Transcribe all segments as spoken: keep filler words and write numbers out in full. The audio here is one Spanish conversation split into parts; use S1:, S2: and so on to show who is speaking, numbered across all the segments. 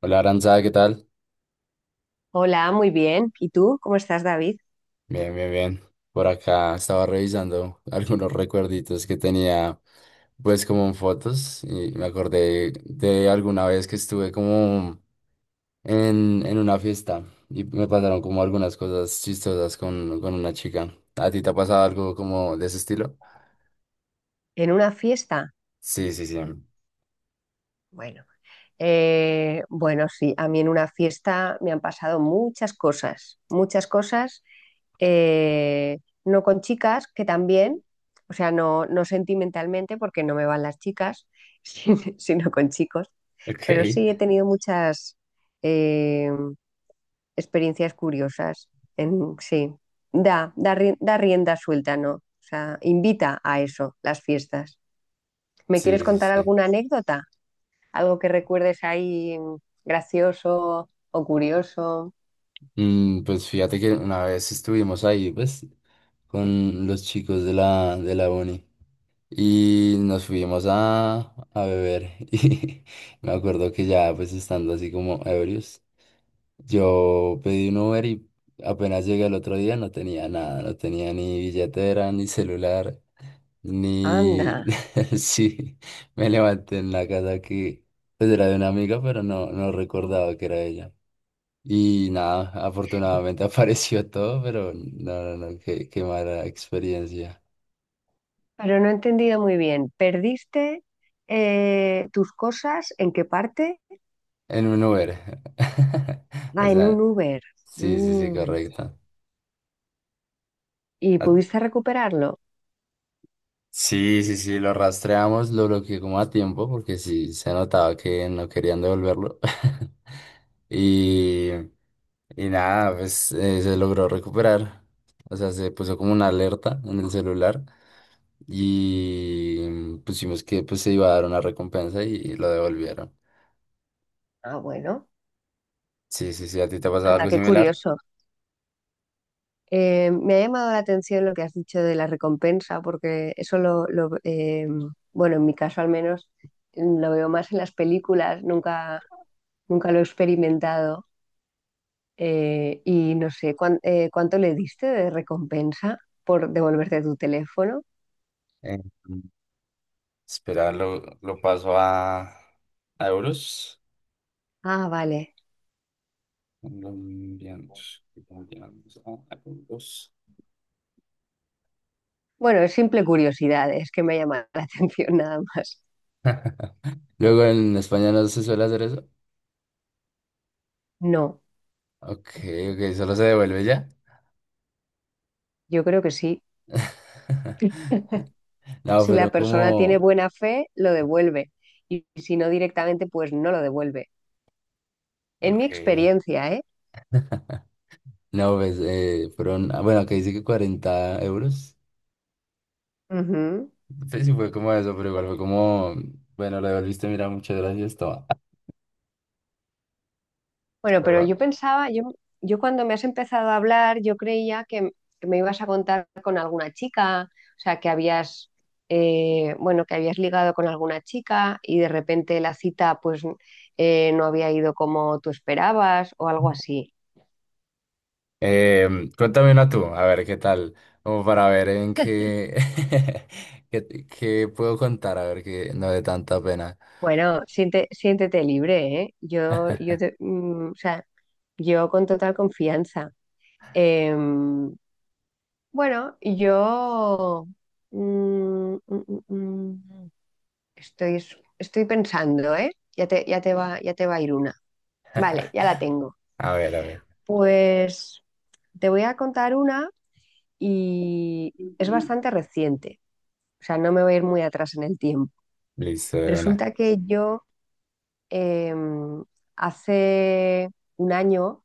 S1: Hola Aranza, ¿qué tal?
S2: Hola, muy bien. ¿Y tú? ¿Cómo estás, David?
S1: Bien, bien, bien. Por acá estaba revisando algunos recuerditos que tenía, pues como en fotos, y me acordé de alguna vez que estuve como en, en una fiesta y me pasaron como algunas cosas chistosas con, con una chica. ¿A ti te ha pasado algo como de ese estilo?
S2: ¿En una fiesta?
S1: Sí, sí, sí.
S2: Bueno, eh, bueno, sí, a mí en una fiesta me han pasado muchas cosas, muchas cosas, eh, no con chicas, que también, o sea, no, no sentimentalmente, porque no me van las chicas, sino sino con chicos, pero
S1: Ok.
S2: sí he tenido muchas eh, experiencias curiosas. En, sí, da, da, ri- da rienda suelta, ¿no? O sea, invita a eso, las fiestas. ¿Me quieres
S1: Sí, sí,
S2: contar
S1: sí.
S2: alguna anécdota? ¿Algo que recuerdes ahí mm, gracioso o curioso?
S1: Mm, pues fíjate que una vez estuvimos ahí, pues, con los chicos de la, de la uni. Y nos fuimos a, a beber. Y me acuerdo que ya, pues estando así como ebrios, yo pedí un Uber y apenas llegué el otro día no tenía nada, no tenía ni billetera, ni celular, ni...
S2: Anda,
S1: Sí, me levanté en la casa que pues era de una amiga, pero no, no recordaba que era ella. Y nada, afortunadamente apareció todo, pero no, no, no, qué, qué mala experiencia.
S2: pero no he entendido muy bien. ¿Perdiste eh, tus cosas en qué parte?
S1: En un Uber. O
S2: Ah, en un
S1: sea,
S2: Uber.
S1: sí, sí, sí,
S2: Mm,
S1: correcto.
S2: ¿y
S1: Ah,
S2: pudiste recuperarlo?
S1: sí, sí, sí, lo rastreamos, lo bloqueé como a tiempo porque sí se notaba que no querían devolverlo. Y, y nada, pues eh, se logró recuperar. O sea, se puso como una alerta en el celular y pusimos que pues se iba a dar una recompensa y lo devolvieron.
S2: Ah, bueno.
S1: Sí, sí, sí, ¿a ti te ha pasado
S2: Anda,
S1: algo
S2: qué
S1: similar?
S2: curioso. Eh, me ha llamado la atención lo que has dicho de la recompensa, porque eso lo, lo, eh, bueno, en mi caso al menos, mm, lo veo más en las películas, nunca, nunca lo he experimentado. Eh, y no sé, ¿cuán- eh, ¿cuánto le diste de recompensa por devolverte tu teléfono?
S1: Eh, Espera, lo, lo paso a, a euros.
S2: Ah, vale.
S1: Colombianos, colombianos, ah, a euros.
S2: Bueno, es simple curiosidad, es que me llama la atención nada más.
S1: Luego en España no se suele hacer eso.
S2: No,
S1: Ok, ok, solo se devuelve ya.
S2: yo creo que sí.
S1: No,
S2: Si
S1: pero
S2: la persona tiene
S1: como.
S2: buena fe, lo devuelve. Y si no directamente, pues no lo devuelve. En mi
S1: Ok.
S2: experiencia, ¿eh?
S1: No, pues eh, fueron. ah, Bueno, acá dice que cuarenta euros.
S2: Ujú.
S1: Pues sí, fue como eso, pero igual fue como. Bueno, lo devolviste, mira, muchas gracias, toma.
S2: Bueno, pero
S1: Pero
S2: yo pensaba, yo, yo cuando me has empezado a hablar, yo creía que, que me ibas a contar con alguna chica, o sea, que habías, eh, bueno, que habías ligado con alguna chica y de repente la cita, pues, eh, no había ido como tú esperabas o algo así.
S1: Em, cuéntame una tú, a ver qué tal, como para ver en qué, qué, qué puedo contar, a ver que no dé tanta pena.
S2: Bueno, siente- siéntete libre, ¿eh? Yo, yo te- mm, o sea, yo con total confianza. Em, bueno, yo, mm, mm, mm, mm. estoy, estoy pensando, ¿eh? Ya te, ya te va, ya te va a ir una. Vale, ya la tengo.
S1: A ver, a ver,
S2: Pues te voy a contar una y es bastante reciente. O sea, no me voy a ir muy atrás en el tiempo.
S1: listo, de una.
S2: Resulta que yo em, hace un año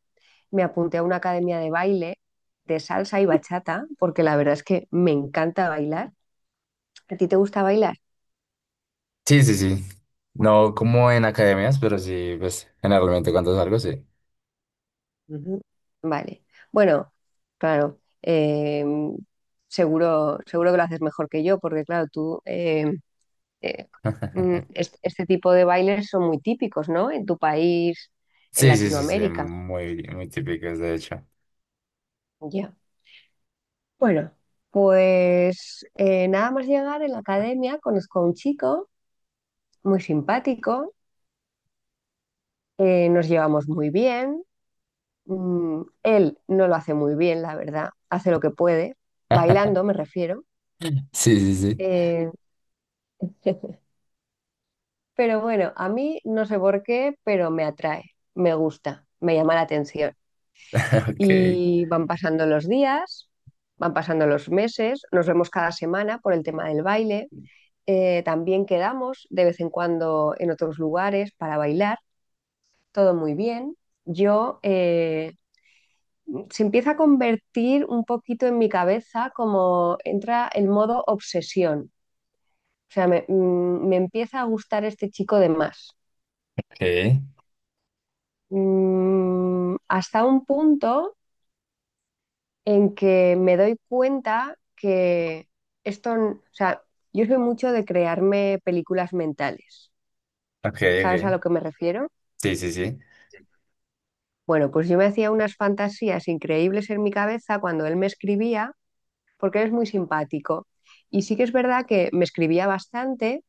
S2: me apunté a una academia de baile de salsa y bachata, porque la verdad es que me encanta bailar. ¿A ti te gusta bailar?
S1: Sí, sí, sí. No como en academias, pero sí, pues generalmente cuando salgo, sí.
S2: Ujú. Vale. Bueno, claro. Eh, seguro, seguro que lo haces mejor que yo, porque claro, tú, eh, eh, mm, est- este, tipo de bailes son muy típicos, ¿no? En tu país, en
S1: Sí, sí, sí, sí,
S2: Latinoamérica.
S1: muy, muy típicos, de hecho.
S2: Ya. Bueno, pues eh, nada más llegar en la academia, conozco a un chico muy simpático, eh, nos llevamos muy bien. Mm, él no lo hace muy bien, la verdad, hace lo que puede, bailando me refiero.
S1: Sí, sí, sí.
S2: eh, Pero bueno, a mí no sé por qué, pero me atrae, me gusta, me llama la atención.
S1: Ok,
S2: Y van pasando los días, van pasando los meses, nos vemos cada semana por el tema del baile. Eh, también quedamos de vez en cuando en otros lugares para bailar, todo muy bien. Yo eh, Se empieza a convertir un poquito en mi cabeza como entra el modo obsesión. O sea, me, mm, me empieza a gustar este chico de más.
S1: ok,
S2: Mm, hasta un punto en que me doy cuenta que esto, n- o sea, yo soy mucho de crearme películas mentales.
S1: ok,
S2: ¿Sabes a
S1: ok.
S2: lo que me refiero?
S1: Sí, sí, sí.
S2: Bueno, pues yo me hacía unas fantasías increíbles en mi cabeza cuando él me escribía, porque él es muy simpático. Y sí que es verdad que me escribía bastante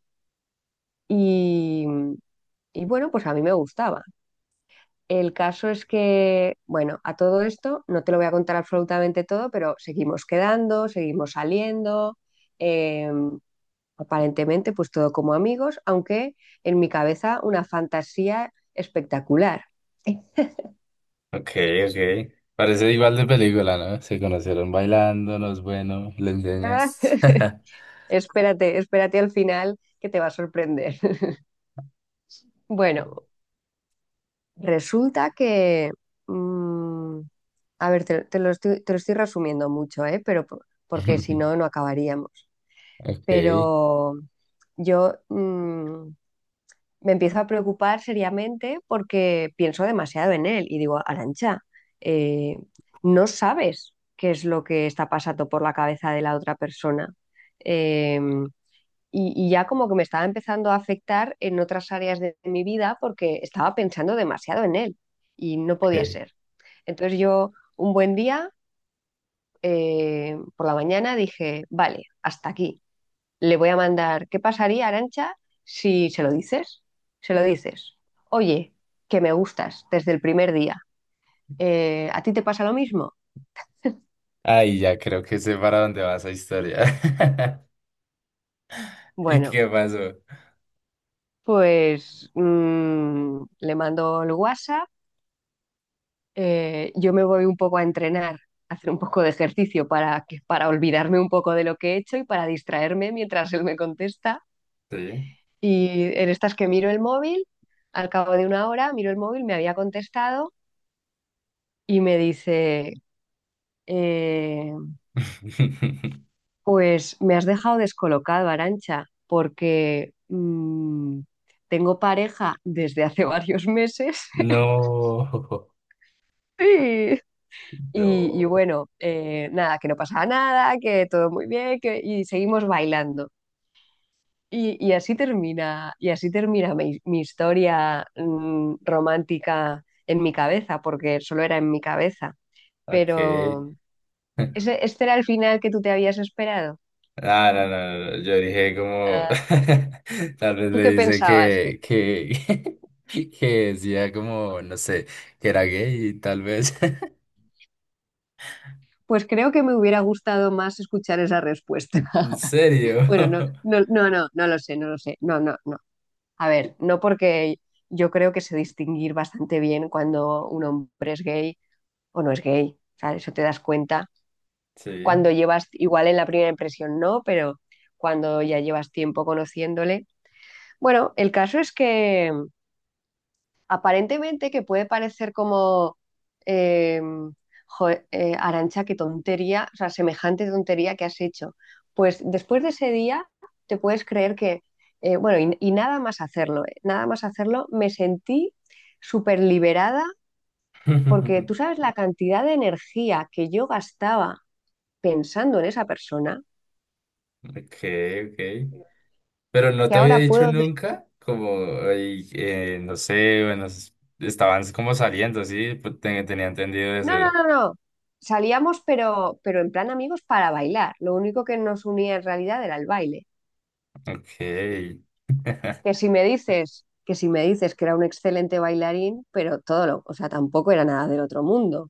S2: y, y bueno, pues a mí me gustaba. El caso es que, bueno, a todo esto no te lo voy a contar absolutamente todo, pero seguimos quedando, seguimos saliendo, eh, aparentemente pues todo como amigos, aunque en mi cabeza una fantasía espectacular.
S1: Ok, ok. Parece igual de película, ¿no? Se conocieron bailándonos, bueno, le enseñas.
S2: Espérate, espérate al final que te va a sorprender. Bueno, resulta que, mm, a ver, te, te lo estoy, te lo estoy resumiendo mucho, ¿eh? Pero po- porque si no, no acabaríamos.
S1: Ok,
S2: Pero yo mm, me empiezo a preocupar seriamente porque pienso demasiado en él y digo, Arancha, eh, no sabes qué es lo que está pasando por la cabeza de la otra persona. Eh, y, y ya como que me estaba empezando a afectar en otras áreas de mi vida porque estaba pensando demasiado en él y no podía
S1: ok.
S2: ser. Entonces yo un buen día, eh, por la mañana, dije, vale, hasta aquí le voy a mandar, ¿qué pasaría, Arancha, si se lo dices? Se lo dices. Oye, que me gustas desde el primer día. Eh, ¿a ti te pasa lo mismo?
S1: Ay, ya creo que sé para dónde va esa historia. ¿Y
S2: Bueno,
S1: qué pasó?
S2: pues mm, le mando el WhatsApp. Eh, yo me voy un poco a entrenar, a hacer un poco de ejercicio para, que, para olvidarme un poco de lo que he hecho y para distraerme mientras él me contesta.
S1: Sí.
S2: Y en estas que miro el móvil, al cabo de una hora miro el móvil, me había contestado y me dice, eh, pues me has dejado descolocado, Arancha, porque mm, tengo pareja desde hace varios meses
S1: No,
S2: y, y
S1: no.
S2: bueno, eh, nada, que no pasa nada, que todo muy bien, que, y seguimos bailando. Y, y así termina, y así termina mi, mi historia mm, romántica en mi cabeza, porque solo era en mi cabeza.
S1: Ok.
S2: Pero ese, este era el final que tú te habías esperado.
S1: Ah, no, no, no, no. Yo dije como,
S2: Ah,
S1: tal vez
S2: ¿tú
S1: le
S2: qué
S1: dice
S2: pensabas?
S1: que, que, que decía como, no sé, que era gay, tal vez.
S2: Pues creo que me hubiera gustado más escuchar esa respuesta.
S1: ¿En serio?
S2: Bueno, no, no, no, no, no lo sé, no lo sé. No, no, no. A ver, no porque yo creo que sé distinguir bastante bien cuando un hombre es gay o no es gay. ¿Sabes? Eso te das cuenta.
S1: Sí.
S2: Cuando llevas, igual en la primera impresión no, pero cuando ya llevas tiempo conociéndole. Bueno, el caso es que aparentemente que puede parecer como, eh, jo, eh, Arancha, qué tontería, o sea, semejante tontería que has hecho. Pues después de ese día te puedes creer que, eh, bueno, y, y nada más hacerlo, eh, nada más hacerlo, me sentí súper liberada porque tú sabes la cantidad de energía que yo gastaba pensando en esa persona,
S1: Ok, ok. Pero no
S2: que
S1: te había
S2: ahora
S1: dicho
S2: puedo... de-
S1: nunca, como, ay, eh, no sé, bueno, s- estaban como saliendo, sí, pues ten- tenía entendido
S2: No, no,
S1: eso.
S2: no, no. Salíamos, pero, pero en plan amigos para bailar. Lo único que nos unía en realidad era el baile.
S1: Ok,
S2: Que si me dices, que si me dices que era un excelente bailarín, pero todo lo, o sea, tampoco era nada del otro mundo.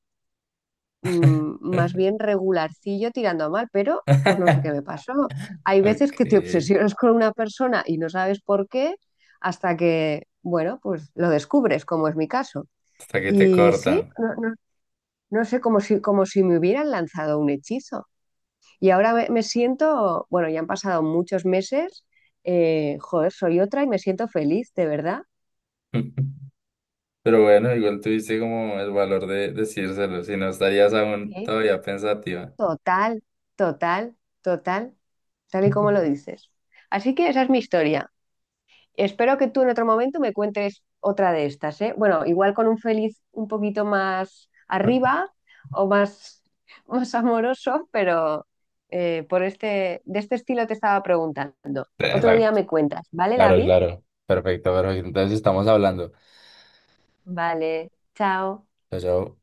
S2: Mm, más bien regularcillo tirando a mal, pero pues no sé qué me pasó. Hay veces que te
S1: ok.
S2: obsesionas con una persona y no sabes por qué hasta que, bueno, pues lo descubres, como es mi caso.
S1: Hasta que te
S2: Y sí,
S1: cortan.
S2: no, no, no sé, como si, como si me hubieran lanzado un hechizo. Y ahora me, me siento, bueno, ya han pasado muchos meses, eh, joder, soy otra y me siento feliz, de verdad.
S1: Pero bueno, igual tuviste como el valor de decírselo, si no estarías aún
S2: Sí,
S1: todavía pensativa.
S2: total, total, total, tal y como lo dices. Así que esa es mi historia. Espero que tú en otro momento me cuentes otra de estas, ¿eh? Bueno, igual con un feliz un poquito más arriba o más, más amoroso, pero eh, por este, de este estilo te estaba preguntando. Otro
S1: Claro,
S2: día me cuentas, ¿vale,
S1: claro,
S2: David?
S1: claro. Perfecto, perfecto. Entonces estamos hablando.
S2: Vale, chao.
S1: Chao, chao.